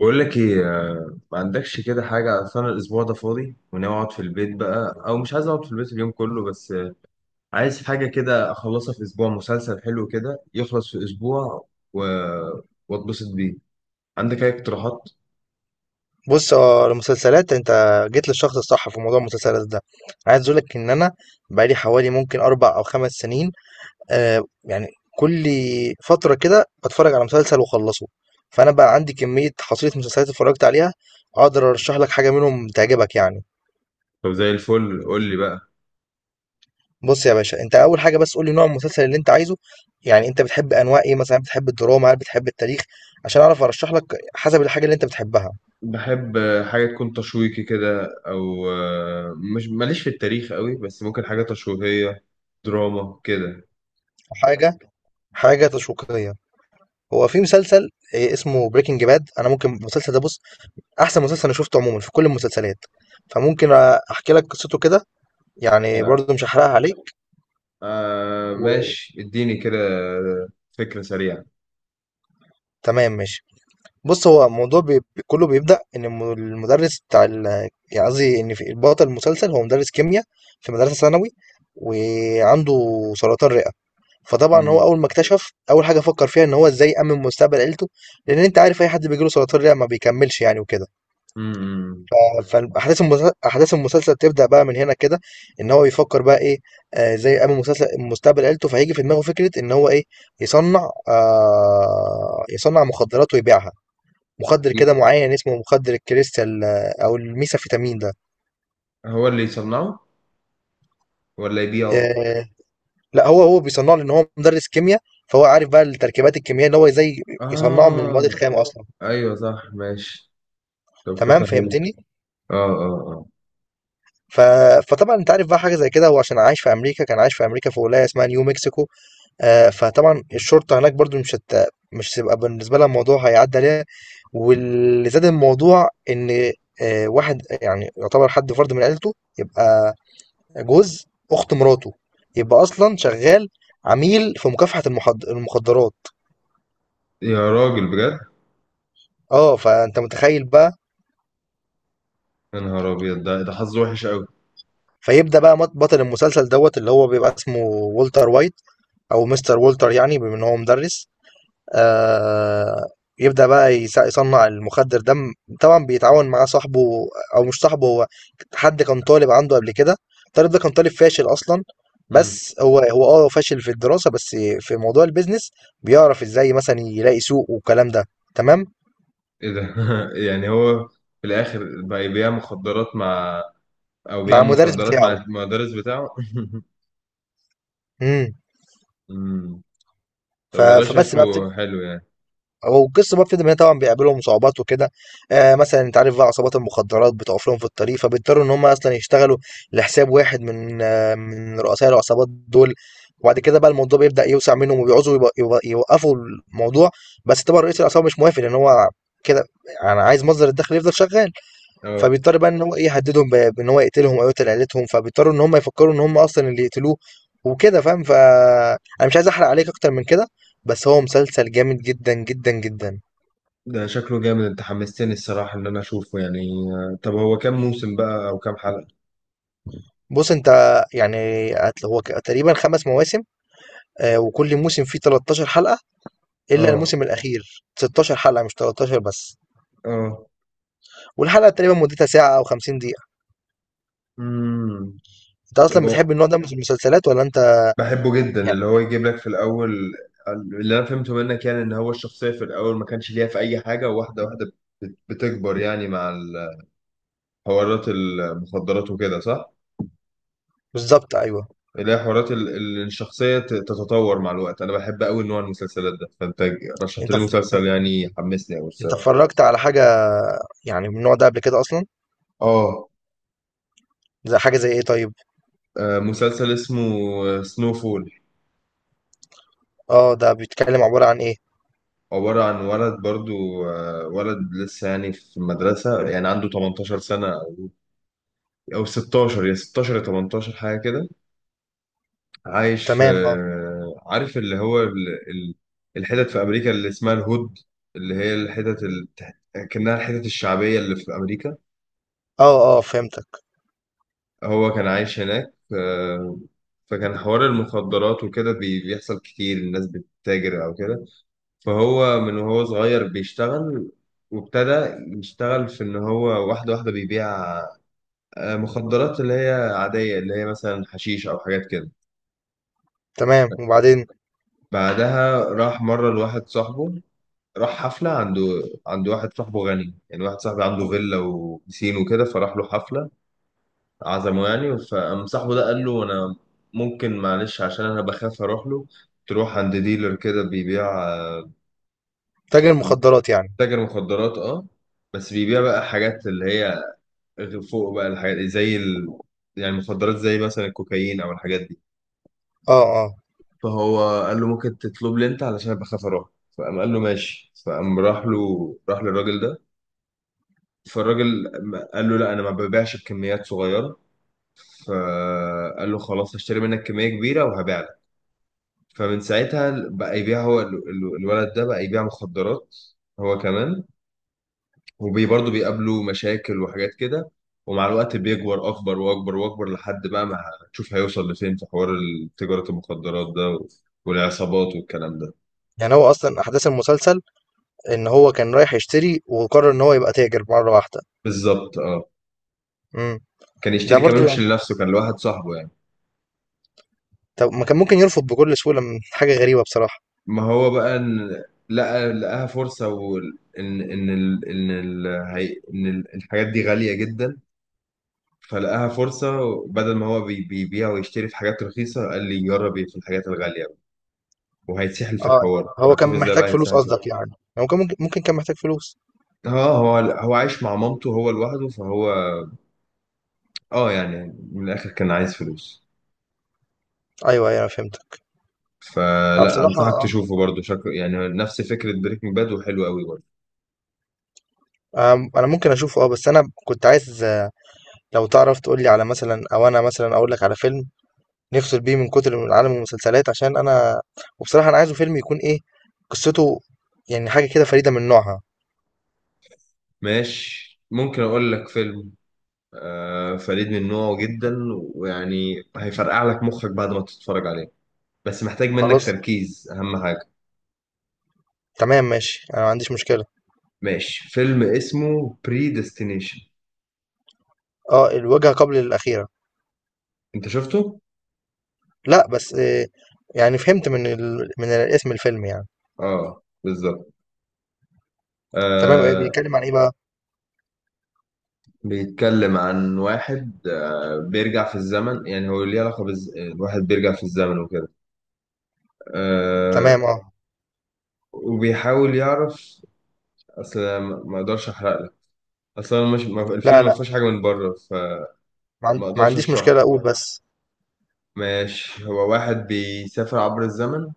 بقول لك ايه، ما عندكش كده حاجة. أصل أنا الأسبوع ده فاضي وناوي أقعد في البيت بقى، أو مش عايز أقعد في البيت اليوم كله. بس عايز حاجة كده أخلصها في أسبوع، مسلسل حلو كده يخلص في أسبوع و... وأتبسط بيه. عندك أي اقتراحات؟ بُص، هو المسلسلات أنت جيت للشخص الصح في موضوع المسلسلات ده. عايز أقول لك إن أنا بقى لي حوالي ممكن 4 أو 5 سنين. يعني كل فترة كده باتفرّج على مسلسل واخلّصه، فأنا بقى عندي كمية حصيلة مسلسلات اتفرّجت عليها، أقدر أرشّح لك حاجة منهم تعجبك يعني. طب زي الفل قول لي بقى. بُص يا باشا، أنت أول حاجة بس قُل لي نوع المسلسل اللي أنت عايزه، يعني أنت بتحب أنواع إيه مثلًا، بتحب الدراما، هل بتحب التاريخ؟ عشان أعرف أرشّح لك حسب الحاجة اللي أنت بتحبها. بحب حاجة تكون تشويقي كده، أو مش ماليش في التاريخ قوي، بس ممكن حاجة تشويقية دراما كده. حاجة حاجة تشويقية. هو في مسلسل اسمه Breaking Bad، أنا ممكن المسلسل ده بُص، أحسن مسلسل أنا شُفته عمومًا في كل المسلسلات، فممكن أحكي لك قصته كده، يعني آه برضه مش هاحرقها عليك. آه، و ماشي اديني كده فكرة سريعة. تمام ماشي. بُص، هو الموضوع كُلّه بيبدأ إن الم المدرس بتاع ال يعني قصدي إن في البطل المسلسل هو مدرس كيميا في مدرسة ثانوي وعنده سرطان رئة، فطبعًا هو مم. أول ما اكتشف، أول حاجة فكّر فيها إن هو إزاي يأمِّن مستقبل عيلته، لإن أنت عارف أي حد بييجي له سرطان رئة ما بيكمّلش يعني وكده. م. فاحداث المسلسل احداث المسلسل تبدا بقى من هنا كده، ان هو يفكر بقى ايه. زي قبل مسلسل مستقبل عيلته، فهيجي في دماغه فكره ان هو ايه يصنع مخدرات ويبيعها، مخدر ي- كده معين اسمه مخدر الكريستال، او الميثامفيتامين ده. هو اللي يصنعه ولا يبيعه؟ آه لا، هو بيصنعه لان هو مدرس كيمياء، فهو عارف بقى التركيبات الكيميائيه ان هو ازاي يصنعه من المواد اه، الخام اصلا. ايوه صح ماشي. طب تمام فكرة حلوة. فهمتني. اه، اه، اه. ف... فطبعا انت عارف بقى حاجه زي كده، هو عشان عايش في امريكا كان عايش في امريكا في ولايه اسمها نيو مكسيكو. فطبعا الشرطة هناك برضو مش هتبقى بالنسبة لها الموضوع هيعدي عليها. واللي زاد الموضوع ان واحد يعني يعتبر حد فرد من عيلته، يبقى جوز اخت مراته، يبقى اصلا شغال عميل في مكافحة المخدرات. يا راجل بجد. اه فانت متخيل بقى. يا نهار ابيض، ده حظه وحش قوي. فيبدأ بقى بطل المسلسل دوت اللي هو بيبقى اسمه والتر وايت، او مستر والتر يعني بما ان هو مدرس. آه، يبدأ بقى يصنع المخدر ده. طبعا بيتعاون مع صاحبه، او مش صاحبه، هو حد كان طالب عنده قبل كده. الطالب ده كان طالب فاشل اصلا، امم. بس هو فاشل في الدراسة، بس في موضوع البيزنس بيعرف ازاي مثلا يلاقي سوق والكلام ده. تمام ايه ده يعني هو في الاخر بقى يبيع مخدرات مع، او مع بيعمل المدرس مخدرات مع بتاعه. المدرس بتاعه؟ امم. امم. طب ف- والله فبس بقى، شكله حلو يعني. والقصة بقى بتبدأ من هنا. طبعا بيقابلهم صعوبات وكده، آه مثلا انت عارف بقى عصابات المخدرات بتقف لهم في الطريق، فبيضطروا ان هم اصلا يشتغلوا لحساب واحد من من رؤساء العصابات دول. وبعد كده بقى الموضوع بيبدأ يوسع منهم، وبيعوزوا يوقفوا الموضوع. بس طبعا رئيس العصابة مش موافق، لان هو كده، انا عايز مصدر الدخل يفضل شغال. اه، فبيضطر بقى إن هو إيه، يهددهم بإن هو يقتلهم أو يقتل عيلتهم، فبيضطروا إن هم يفكروا إن هم أصلًا اللي يقتلوه وكده فاهم. فأنا مش عايز أحرق عليك أكتر من كده، بس هو مسلسل جامد جدًا، جدًا، جدًا. ده شكله جامد، انت حمستني الصراحة ان انا اشوفه يعني. طب هو كام موسم بقى او كام حلقة؟ بُص أنت يعني هت هو ك تقريبًا 5 مواسم، وكل موسم فيه 13 حلقة، إلا اه، الموسم الأخير 16 حلقة مش 13 بس، اه، والحلقة تقريبًا مدتها ساعة أو 50 دقيقة. امم. أنت طب أصلًا بتحب النوع ده من المسلسلات والّا أنت؟ بحبه جدا، يعني اللي هو يجيب لك في الاول. اللي انا فهمته منك يعني، ان هو الشخصيه في الاول ما كانش ليها في اي حاجه، وواحده واحده بتكبر يعني مع حوارات المخدرات وكده، صح؟ بالضبط أيوه. اللي هي حوارات الشخصيه تتطور مع الوقت. انا بحب قوي نوع المسلسلات ده، فانت رشحت أنت لي ف مسلسل يعني حمسني قوي أنت الصراحه. اتفرجت على حاجة يعني من النوع ده قبل كده أصلًا؟ اه، زي حاجة زي إيه طيب؟ مسلسل اسمه سنو فول. آه ده بيتكلم عبارة عن إيه؟ عبارة عن ولد برضو، ولد لسه يعني في المدرسة، يعني عنده 18 سنة، أو 16 يا 16 يا 18 حاجة كده. عايش في، تمام آه. عارف اللي هو الحتت في أمريكا اللي اسمها الهود، اللي هي الحتت كأنها الحتت الشعبية اللي في أمريكا. آه آه فهمتك. هو كان عايش هناك، فكان حوار المخدرات وكده بيحصل كتير، الناس بتتاجر أو كده. فهو من وهو صغير بيشتغل، وابتدى يشتغل في إن هو واحدة واحدة بيبيع مخدرات اللي هي عادية، اللي هي مثلا حشيش أو حاجات كده. تمام وبعدين. بعدها راح مرة لواحد صاحبه، راح حفلة عند واحد صاحبه غني، يعني واحد صاحبي عنده فيلا وبسين وكده، فراح له حفلة عزمه يعني. فقام صاحبه ده قال له: أنا ممكن معلش عشان أنا بخاف أروح له، تروح عند ديلر كده بيبيع، تاجر مخدرات يعني. تاجر مخدرات اه، بس بيبيع بقى حاجات اللي هي فوق بقى الحاجات زي يعني مخدرات زي مثلا الكوكايين أو الحاجات دي. آه آه. فهو قال له ممكن تطلب لي أنت، علشان أنا بخاف أروح. فقام قال له ماشي، فقام راح له، راح للراجل ده. فالراجل قال له لا، انا ما ببيعش بكميات صغيره. فقال له خلاص هشتري منك كميه كبيره وهبيع لك. فمن ساعتها بقى يبيع هو الولد ده بقى يبيع مخدرات هو كمان. وبرضه بيقابله مشاكل وحاجات كده. ومع الوقت بيكبر اكبر واكبر واكبر، لحد بقى ما هتشوف هيوصل لفين في حوار تجاره المخدرات ده والعصابات والكلام ده. يعني هو أصلا أحداث المسلسل إن هو كان رايح يشتري وقرر إن هو يبقى تاجر مرة واحدة. بالظبط اه. امم. كان ده يشتري برضو كمان مش يعني، لنفسه، كان لواحد صاحبه يعني. طب ما كان ممكن يرفض بكل سهولة، من حاجة غريبة بصراحة. ما هو بقى إن، لقاها فرصة، وإن إن إن ال... إن ال... هي... إن ال- الحاجات دي غالية جدا، فلقاها فرصة. بدل ما هو بيبيع ويشتري في حاجات رخيصة، قال لي جرب في الحاجات الغالية. وهيتسحل في آه الحوار، هو كان هتشوف ازاي محتاج بقى فلوس هيتسحل فيه. قصدك يعني، هو كان ممكن، كان محتاج فلوس. اه، هو عايش مع مامته هو لوحده، فهو اه يعني من الآخر كان عايز فلوس. أيوه أيوه أنا فهمتك. أنا فلا، بصراحة أنصحك تشوفه برضه، شكله يعني نفس فكرة بريكنج باد وحلو قوي برضه. آه، أنا ممكن أشوفه أه، بس أنا كنت عايز، لو تعرف تقول لي على مثلا، او انا مثلا اقول لك على فيلم نفصل بيه من كتر من عالم المسلسلات، عشان أنا وبصراحة أنا عايزه فيلم يكون إيه قصته، يعني حاجة كده فريدة من نوعها. ماشي، ممكن أقول لك فيلم فريد من نوعه جدا، ويعني هيفرقع لك مخك بعد ما تتفرج عليه، بس محتاج خلاص منك تركيز اهم حاجه. تمام ماشي، أنا ما عنديش مشكلة. ماشي، فيلم اسمه بري ديستنيشن. أه الوجهة قبل الأخيرة. انت شفته؟ لا بس يعني فهمت من اسم الفيلم يعني. اه بالظبط. تمام، إيه آه. بيتكلم عن إيه بقى؟ بيتكلم عن واحد بيرجع في الزمن، يعني هو ليه علاقه الواحد بيرجع في الزمن وكده آه. تمام أه. وبيحاول يعرف، اصل ما اقدرش احرق لك، اصل أنا مش... ما- لا الفيلم ما لا، فيهوش حاجه من بره، فما ما اقدرش عنديش اشرح. مشكلة أقول بس. ماشي، هو واحد بيسافر عبر الزمن،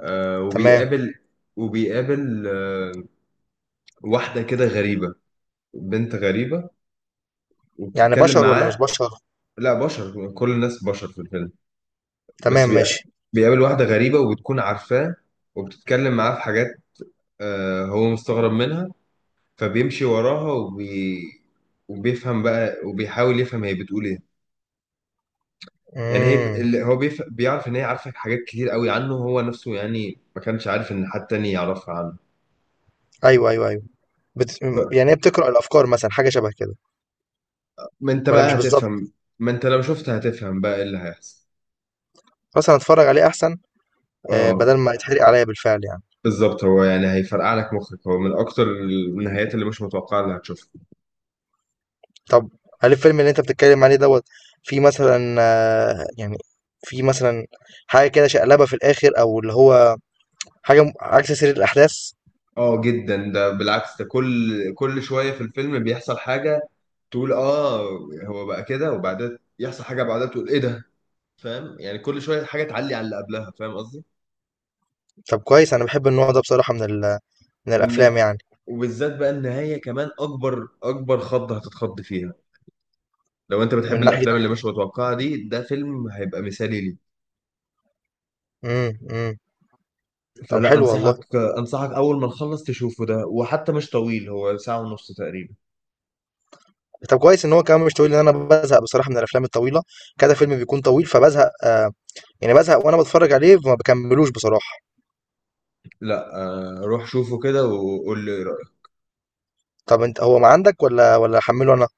آه، تمام. وبيقابل واحدة كده غريبة، بنت غريبة، يعني وبتتكلم بشر ولا مش معاه. بشر؟ لا، بشر، كل الناس بشر في الفيلم. تمام بس ماشي. بيقابل واحدة غريبة، وبتكون عارفاه، وبتتكلم معاه في حاجات. آه، هو مستغرب منها، فبيمشي وراها وبيفهم بقى، وبيحاول يفهم هي بتقول ايه. يعني هي امم. اللي هو بيعرف ان هي عارفة حاجات كتير قوي عنه هو نفسه، يعني ما كانش عارف ان حد تاني يعرفها عنه. ايوه ايوه ايوه. بت... يعني هي بتقرأ الافكار مثلا، حاجه شبه كده، ما انت ولا مش بقى بالظبط؟ هتفهم، ما انت لو شفت هتفهم بقى ايه اللي هيحصل. خلاص انا اتفرج عليه احسن، اه بدل ما يتحرق عليَّ بالفعل يعني. بالظبط، هو يعني هيفرقع لك مخك، هو من اكتر النهايات اللي مش متوقعه اللي هتشوفها. طب هل الفيلم اللي أنت بتتكلم عليه دوّة فيه مثلًا، يعني فيه مثلًا حاجة كده شقلبة في الآخر، أو اللي هو حاجة م عكس سير الأحداث؟ اه جدا، ده بالعكس، ده كل شويه في الفيلم بيحصل حاجه تقول اه، هو بقى كده، وبعدين يحصل حاجه بعدها تقول ايه ده. فاهم؟ يعني كل شويه حاجه تعلي على اللي قبلها، فاهم قصدي. طب كويس، أنا باحب النوع ده بصراحة من والنها... الأفلام يعني، وبالذات بقى النهايه، كمان اكبر اكبر خضه هتتخض فيها. لو انت بتحب من الافلام ناحية، اللي مش متوقعه دي، ده فيلم هيبقى مثالي. إمم، إمم. طب فلا، حلو والله. انصحك اول ما نخلص تشوفه ده، وحتى مش طويل، هو ساعة ونص تقريبا. طب كويس إن هو كمان مش طويل، لإن أنا بازهق بصراحة من الأفلام الطويلة، كذا فيلم بيكون طويل فبازهق، يعني بازهق وأنا باتفرّج عليه فما باكمّلوش بصراحة. لا روح شوفه كده وقول لي ايه رأيك. طب أنت هو ما عندك والّا أحمّله أنا؟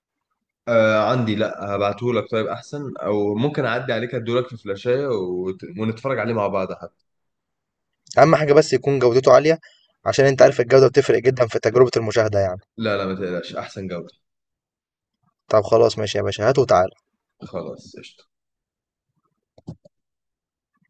عندي، لا هبعتهولك، طيب احسن، او ممكن اعدي عليك ادولك في فلاشاية ونتفرج عليه مع بعض حتى. اهم حاجة بس يكون جودته عالية، عشان انت عارف الجودة بتفرق جدا في تجربة المشاهدة يعني. لا لا، ما تقلقش، احسن جودة. طب خلاص ماشي يا باشا، هات وتعال. خلاص قشطة.